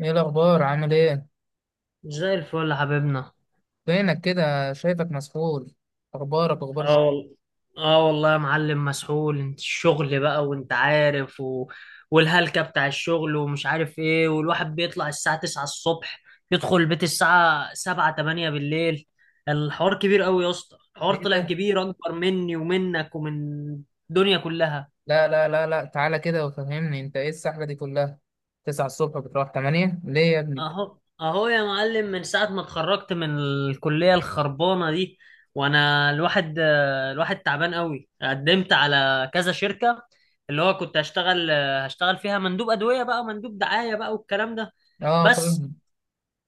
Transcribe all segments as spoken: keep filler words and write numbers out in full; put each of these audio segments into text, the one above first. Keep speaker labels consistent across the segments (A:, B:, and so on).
A: ايه الاخبار؟ عامل ايه؟
B: زي الفل يا حبيبنا.
A: فينك كده؟ شايفك مسحول، اخبارك
B: اه،
A: اخبار ش-
B: آه، والله. اه والله يا معلم، مسحول. انت الشغل بقى وانت عارف و... والهلكة بتاع الشغل ومش عارف ايه، والواحد بيطلع الساعة تسعة الصبح، يدخل البيت الساعة سبعة تمانية بالليل. الحوار كبير قوي يا اسطى، الحوار
A: ايه
B: طلع
A: ده؟
B: كبير اكبر مني ومنك ومن الدنيا كلها.
A: لا لا لا لا، تعالى كده وفهمني، انت ايه السحله دي كلها؟ تسعة الصبح بتروح تمانية ليه يا ابني؟
B: اهو اهو يا معلم، من ساعة ما اتخرجت من الكلية الخربانة دي وانا الواحد آه، الواحد تعبان قوي، قدمت على كذا شركة اللي هو كنت هشتغل آه، هشتغل فيها مندوب أدوية بقى، مندوب دعاية بقى والكلام ده.
A: اه
B: بس
A: فاهم.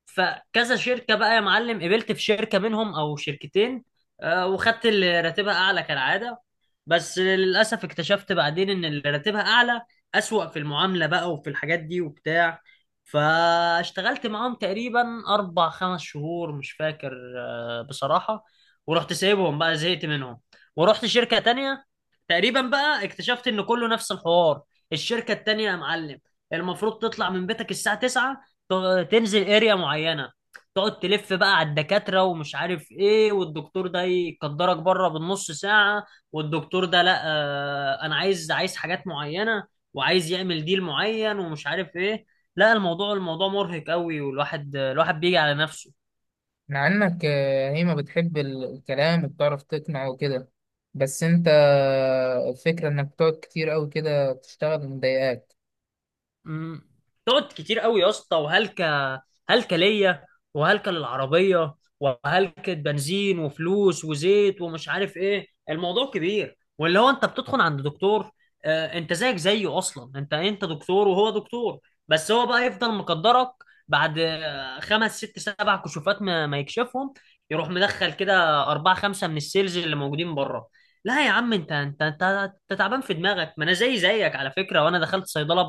B: فكذا شركة بقى يا معلم، قبلت في شركة منهم أو شركتين. آه، وخدت اللي راتبها أعلى كالعادة، بس للأسف اكتشفت بعدين إن اللي راتبها أعلى أسوأ في المعاملة بقى وفي الحاجات دي وبتاع. فاشتغلت معاهم تقريبا أربع خمس شهور مش فاكر، آه، بصراحة. ورحت سايبهم بقى، زهقت منهم. ورحت شركة تانية، تقريبا بقى اكتشفت إن كله نفس الحوار. الشركة التانية يا معلم، المفروض تطلع من بيتك الساعة تسعة، ت- تنزل اريا معينه، تقعد تلف بقى على الدكاتره ومش عارف ايه، والدكتور ده يقدرك بره بالنص ساعه، والدكتور ده لا، آه، انا عايز عايز حاجات معينه، وعايز يعمل ديل معين ومش عارف ايه. لا، الموضوع الموضوع مرهق قوي، والواحد الواحد بيجي على نفسه.
A: مع انك آه، هي ما بتحب ال- الكلام وبتعرف تقنع وكده. بس انت آه، الفكره انك بتقعد كتير قوي كده تشتغل مضايقاك.
B: مم. تقعد كتير قوي يا اسطى، وهلكة. هلكة ليا، وهلكة للعربية، وهلكة بنزين وفلوس وزيت ومش عارف ايه. الموضوع كبير، واللي هو انت بتدخل عند دكتور، آه انت زيك زيه. اصلا انت انت دكتور وهو دكتور، بس هو بقى يفضل مقدرك بعد آه، خمس ست سبع كشوفات ما, ما يكشفهم. يروح مدخل كده أربعة خمسة من السيلز اللي موجودين بره. لا يا عم، انت انت انت, انت تعبان في دماغك. ما انا زي زيك على فكرة، وانا دخلت صيدلة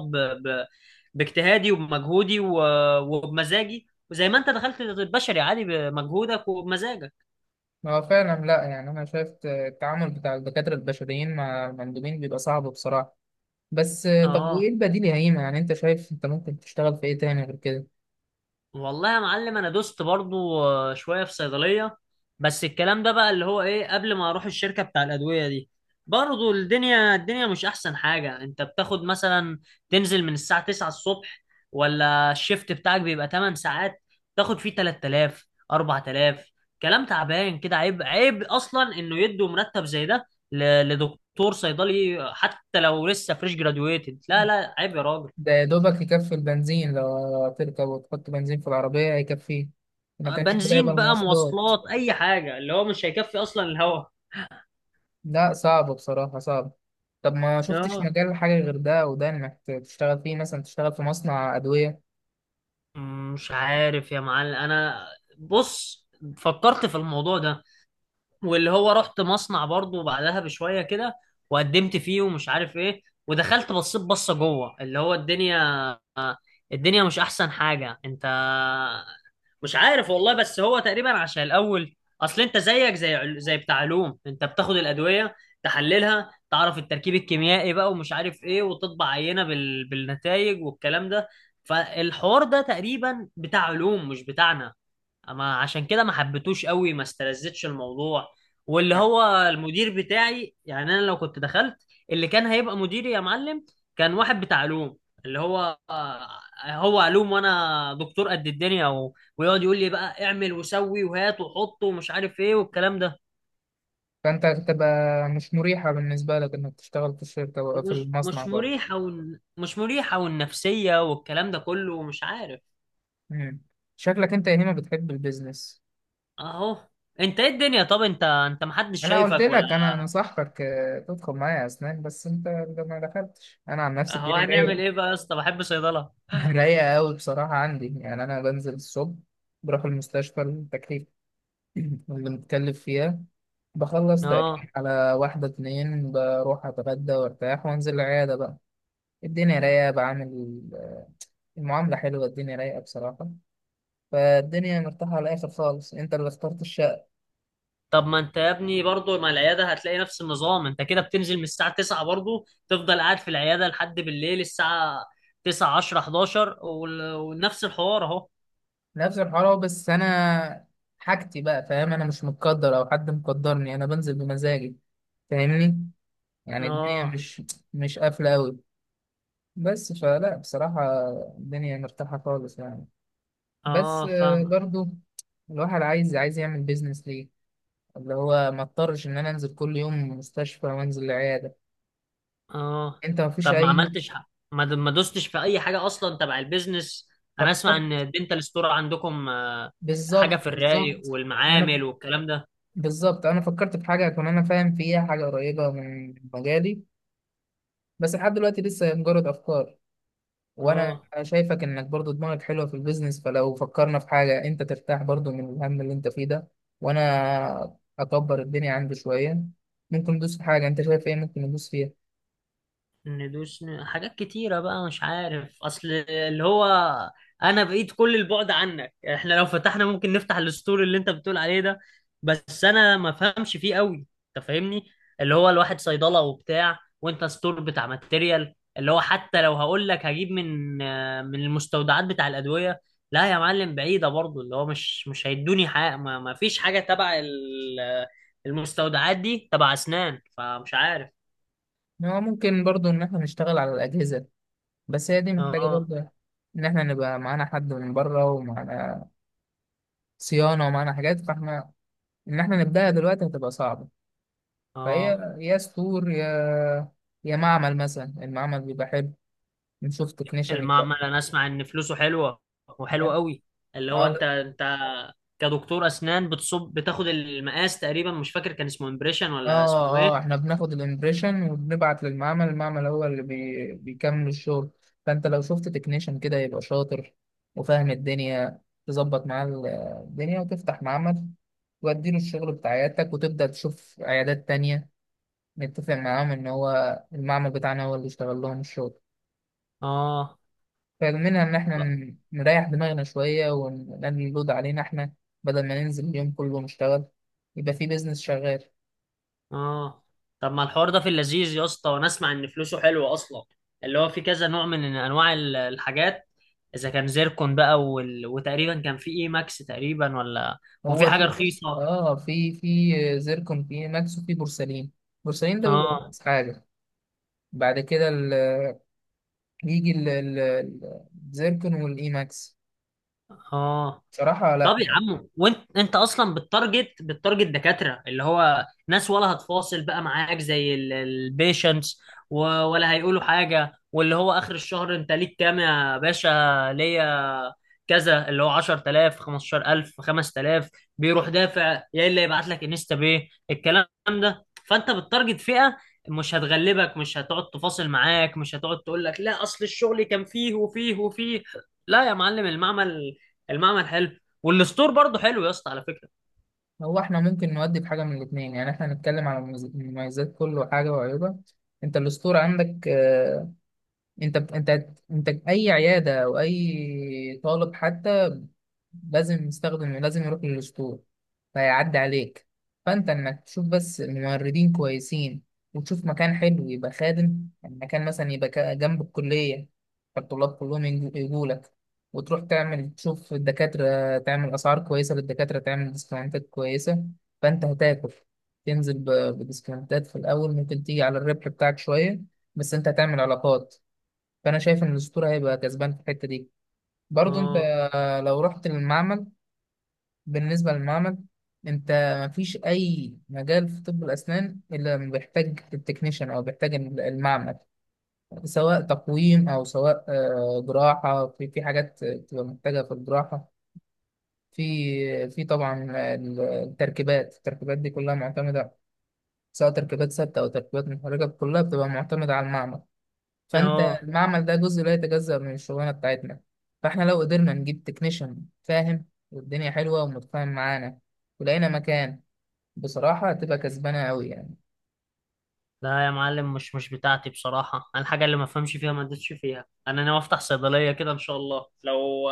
B: باجتهادي وبمجهودي و... وبمزاجي، وزي ما انت دخلت البشري عادي بمجهودك وبمزاجك.
A: هو فعلا لا يعني انا شايف آه، التعامل بتاع الدكاتره البشريين مع المندوبين بيبقى صعب بصراحه. بس آه، طب وايه
B: اه
A: البديل يا هيما؟ يعني انت شايف انت ممكن تشتغل في ايه تاني غير كده؟
B: والله يا معلم، انا دوست برضو آه، شويه في صيدليه. بس الكلام ده بقى، اللي هو ايه، قبل ما اروح الشركه بتاع الادويه دي، برضو الدنيا الدنيا مش احسن حاجه. انت بتاخد مثلا، تنزل من الساعه تسعة الصبح، ولا الشيفت بتاعك بيبقى تمانية ساعات تاخد فيه تلات تلاف اربعة آلاف. كلام تعبان كده، عيب. عيب اصلا انه يدوا مرتب زي ده ل- لدكتور صيدلي، حتى لو لسه فريش جرادويتد. لا لا، عيب يا راجل.
A: ده يا دوبك يكفي البنزين، لو تركب وتحط بنزين في العربية هيكفيه. ما كانش كده يبقى
B: بنزين بقى،
A: المواصلات.
B: مواصلات، اي حاجه، اللي هو مش هيكفي اصلا الهوا.
A: لا صعب بصراحة، صعب. طب ما شفتش
B: اه،
A: مجال حاجة غير ده وده انك تشتغل فيه، مثلا تشتغل في مصنع أدوية؟
B: مش عارف يا معلم انا. بص، فكرت في الموضوع ده، واللي هو رحت مصنع برضو بعدها بشويه كده، وقدمت فيه ومش عارف ايه، ودخلت بصيت بصه جوه، اللي هو الدنيا، الدنيا مش احسن حاجه. انت، مش عارف والله. بس هو تقريبا عشان الاول، اصل انت زيك زي عل- زي بتاع علوم. انت بتاخد الادويه، تحللها، تعرف التركيب الكيميائي بقى ومش عارف ايه، وتطبع عينه بال... بالنتائج والكلام ده. فالحوار ده تقريبا بتاع علوم مش بتاعنا. اما عشان كده ما حبيتوش قوي، ما استلذتش الموضوع. واللي هو المدير بتاعي، يعني انا لو كنت دخلت، اللي كان هيبقى مديري يا معلم كان واحد بتاع علوم، اللي هو هو علوم وانا دكتور قد الدنيا، و... ويقعد يقول لي بقى اعمل وسوي وهات وحط ومش عارف ايه والكلام ده.
A: فانت هتبقى مش مريحة بالنسبة لك انك تشتغل في الشركة في
B: مش
A: المصنع
B: مش
A: برضه.
B: مريحة، وال... مش مريحة، والنفسية والكلام ده كله، ومش عارف.
A: مم. شكلك انت يا هيما بتحب البيزنس.
B: اهو. انت، ايه الدنيا؟ طب انت، انت محدش
A: انا قلت
B: شايفك ولا؟
A: لك انا انا صاحبك، آه، تدخل معايا اسنان بس انت ده ما دخلتش. انا عن نفسي
B: اهو،
A: الدنيا
B: هنعمل
A: رايقه.
B: ايه بقى يا اسطى، بحب صيدلة.
A: رايقه قوي بصراحه عندي، يعني انا بنزل الصبح بروح المستشفى التكليف اللي متكلف فيها. بخلص تقريبا
B: اه.
A: على واحدة اتنين، بروح أتغدى وأرتاح وأنزل العيادة بقى. الدنيا رايقة، بعمل المعاملة حلوة، الدنيا رايقة بصراحة. فالدنيا مرتاحة على الآخر خالص، أنت اللي اخترت الشغل.
B: طب ما انت يا ابني برضه، ما العياده هتلاقي نفس النظام. انت كده بتنزل من الساعه تسعة برضه، تفضل قاعد في العياده لحد بالليل الساعه تسعة عشرة حداشر، وال- ونفس الحوار اهو.
A: نفس الحوار أهو، بس انا حاجتي بقى، فاهم؟ انا مش متقدر او حد مقدرني، انا بنزل بمزاجي. فاهمني؟ يعني الدنيا
B: اه،
A: مش مش قافله قوي، بس فلا بصراحه الدنيا مرتاحه خالص يعني. بس
B: اه،
A: آه،
B: فاهمه.
A: برضو الواحد عايز عايز يعمل بيزنس، ليه؟ اللي هو ما اضطرش ان انا انزل كل يوم مستشفى وانزل العياده.
B: اه.
A: انت ما فيش
B: طب ما
A: اي.
B: عملتش، ح- ما د- ما دوستش في اي حاجه اصلا تبع البيزنس؟ انا اسمع ان
A: فكرت.
B: الدنتال ستور عندكم، آه، حاجه
A: بالظبط،
B: في الرايق
A: بالظبط. انا
B: والمعامل والكلام ده.
A: بالظبط انا فكرت في حاجه اكون انا فاهم فيها، حاجه قريبه من مجالي، بس لحد دلوقتي لسه مجرد افكار. وانا
B: اه،
A: شايفك انك برضو دماغك حلوه في البيزنس، فلو فكرنا في حاجه انت ترتاح برضو من الهم اللي انت فيه ده، وانا اكبر الدنيا عندي شويه، ممكن ندوس في حاجه. انت شايف ايه ممكن ندوس فيها؟
B: ندوس، ن- حاجات كتيرة بقى، مش عارف. أصل اللي هو أنا بعيد كل البعد عنك. يعني إحنا لو فتحنا، ممكن نفتح الستور اللي أنت بتقول عليه ده، بس أنا ما فهمش فيه قوي. أنت فاهمني، اللي هو الواحد صيدلة وبتاع، وأنت ستور بتاع ماتيريال. اللي هو حتى لو هقول لك هجيب من آه، من المستودعات بتاع الأدوية، لا يا معلم، بعيدة برضو. اللي هو مش مش هيدوني حاجة، ما, ما فيش حاجة تبع ال- المستودعات دي تبع أسنان، فمش عارف.
A: هو ممكن برضو ان احنا نشتغل على الاجهزه، بس هي دي محتاجه
B: اه.
A: برضو ان احنا نبقى معانا حد من بره، ومعانا صيانه ومعانا حاجات. فاحنا ان احنا نبداها دلوقتي هتبقى صعبه. فهي
B: اه،
A: يا ستور يا يا معمل، مثلا المعمل بيبقى حلو، نشوف تكنيشن.
B: المعمل انا اسمع ان فلوسه حلوه،
A: اه
B: وحلوه قوي. اللي هو انت انت كدكتور اسنان بتصب، بتاخد المقاس، تقريبا مش فاكر كان اسمه امبريشن
A: اه
B: ولا اسمه
A: اه
B: ايه.
A: احنا بناخد الامبريشن وبنبعت للمعمل، المعمل هو اللي بي... بيكمل الشغل. فانت لو شفت تكنيشن كده يبقى شاطر وفاهم الدنيا، تظبط معاه ال- الدنيا وتفتح معمل، واديله الشغل بتاع عيادتك وتبدأ تشوف عيادات تانية، نتفق معاهم ان هو المعمل بتاعنا هو اللي يشتغل لهم الشغل.
B: اه،
A: فمنها ان احنا ن- نريح دماغنا شوية ونقلل اللود علينا احنا، بدل ما ننزل اليوم كله نشتغل، يبقى في بيزنس شغال.
B: اه. طب ما الحوار ده في اللذيذ يا اسطى، وانا اسمع ان فلوسه حلوه اصلا، اللي هو في كذا نوع من انواع ال- الحاجات. اذا كان زيركون بقى وال... وتقريبا كان في اي ماكس تقريبا، ولا وفي
A: هو
B: حاجه
A: في، بص
B: رخيصه.
A: اه في في زيركون، في ماكس وفي بورسلين. بورسلين ده بيبقى
B: اه.
A: أرخص حاجة. بعد كده ال- يجي ال- ال- ال- الزيركون والإي ماكس.
B: اه.
A: بصراحة
B: طب
A: لا
B: يا
A: يعني.
B: عم، وانت انت اصلا بالتارجت بالتارجت دكاتره اللي هو ناس، ولا هتفاصل بقى معاك زي البيشنتس، ولا هيقولوا حاجه، واللي هو اخر الشهر انت ليك كام يا باشا؟ ليا كذا، اللي هو عشر تلاف خمستاشر الف خمس تلاف، بيروح دافع يا الا يبعت لك انستا باي الكلام ده. فانت بالتارجت فئه، مش هتغلبك، مش هتقعد تفاصل معاك، مش هتقعد تقول لك لا اصل الشغل كان فيه وفيه وفيه. لا يا معلم، المعمل المعمل حلو، والستور برضه حلو يا اسطى على فكره.
A: هو احنا ممكن نودي بحاجة من الاتنين، يعني احنا هنتكلم على المميز- المميزات كله، حاجة وعيوبها. انت الاسطورة عندك، آه، انت انت انت اي عياده او اي طالب حتى لازم يستخدم، لازم يروح للاسطول فيعدي عليك. فانت انك تشوف بس ممرضين كويسين، وتشوف مكان حلو يبقى خادم، المكان مثلا يبقى كا- جنب الكليه فالطلاب كلهم يجوا لك. وتروح تعمل، تشوف الدكاتره، تعمل اسعار كويسه للدكاتره، تعمل ديسكاونتات كويسه فانت هتاكل. تنزل ب- بديسكاونتات في الاول ممكن تيجي على الربح بتاعك شويه، بس انت هتعمل علاقات. فانا شايف ان الاسطوره هيبقى كسبان في الحته دي برضو. انت
B: اه،
A: لو رحت للمعمل، بالنسبه للمعمل، انت مفيش اي مجال في طب الاسنان الا لما بيحتاج التكنيشن او بيحتاج المعمل، سواء تقويم او سواء آه، جراحه. في في حاجات بتبقى محتاجه في الجراحه. في في طبعا التركيبات، التركيبات دي كلها معتمده، سواء تركيبات ثابته او تركيبات محركه كلها بتبقى معتمده على المعمل. فانت
B: اه.
A: المعمل ده جزء لا يتجزأ من الشغلانه بتاعتنا. فاحنا لو قدرنا نجيب تكنيشن فاهم، والدنيا حلوه ومتفاهم معانا ولقينا مكان، بصراحه هتبقى كسبانه قوي يعني.
B: لا يا معلم، مش مش بتاعتي بصراحه. انا الحاجه اللي ما افهمش فيها ما ادوسش فيها. انا ناوي افتح صيدليه كده ان شاء الله، لو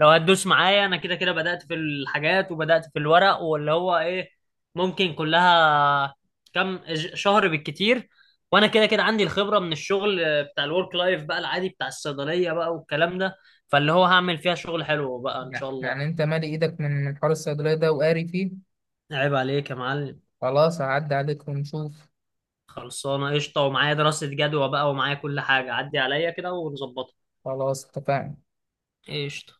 B: لو هتدوس معايا. انا كده كده بدات في الحاجات وبدات في الورق واللي هو ايه، ممكن كلها كم ج- شهر بالكتير. وانا كده كده عندي الخبره من الشغل بتاع الورك لايف بقى، العادي بتاع الصيدليه بقى والكلام ده. فاللي هو هعمل فيها شغل حلو بقى ان شاء الله.
A: يعني انت مالي ايدك من من حوار الصيدليه ده وقاري فيه.
B: عيب عليك يا معلم.
A: خلاص هعدي عليك ونشوف.
B: خلصانة قشطة، ومعايا دراسة جدوى بقى، ومعايا كل حاجة. عدي عليا كده ونظبطها.
A: خلاص اتفقنا.
B: قشطة.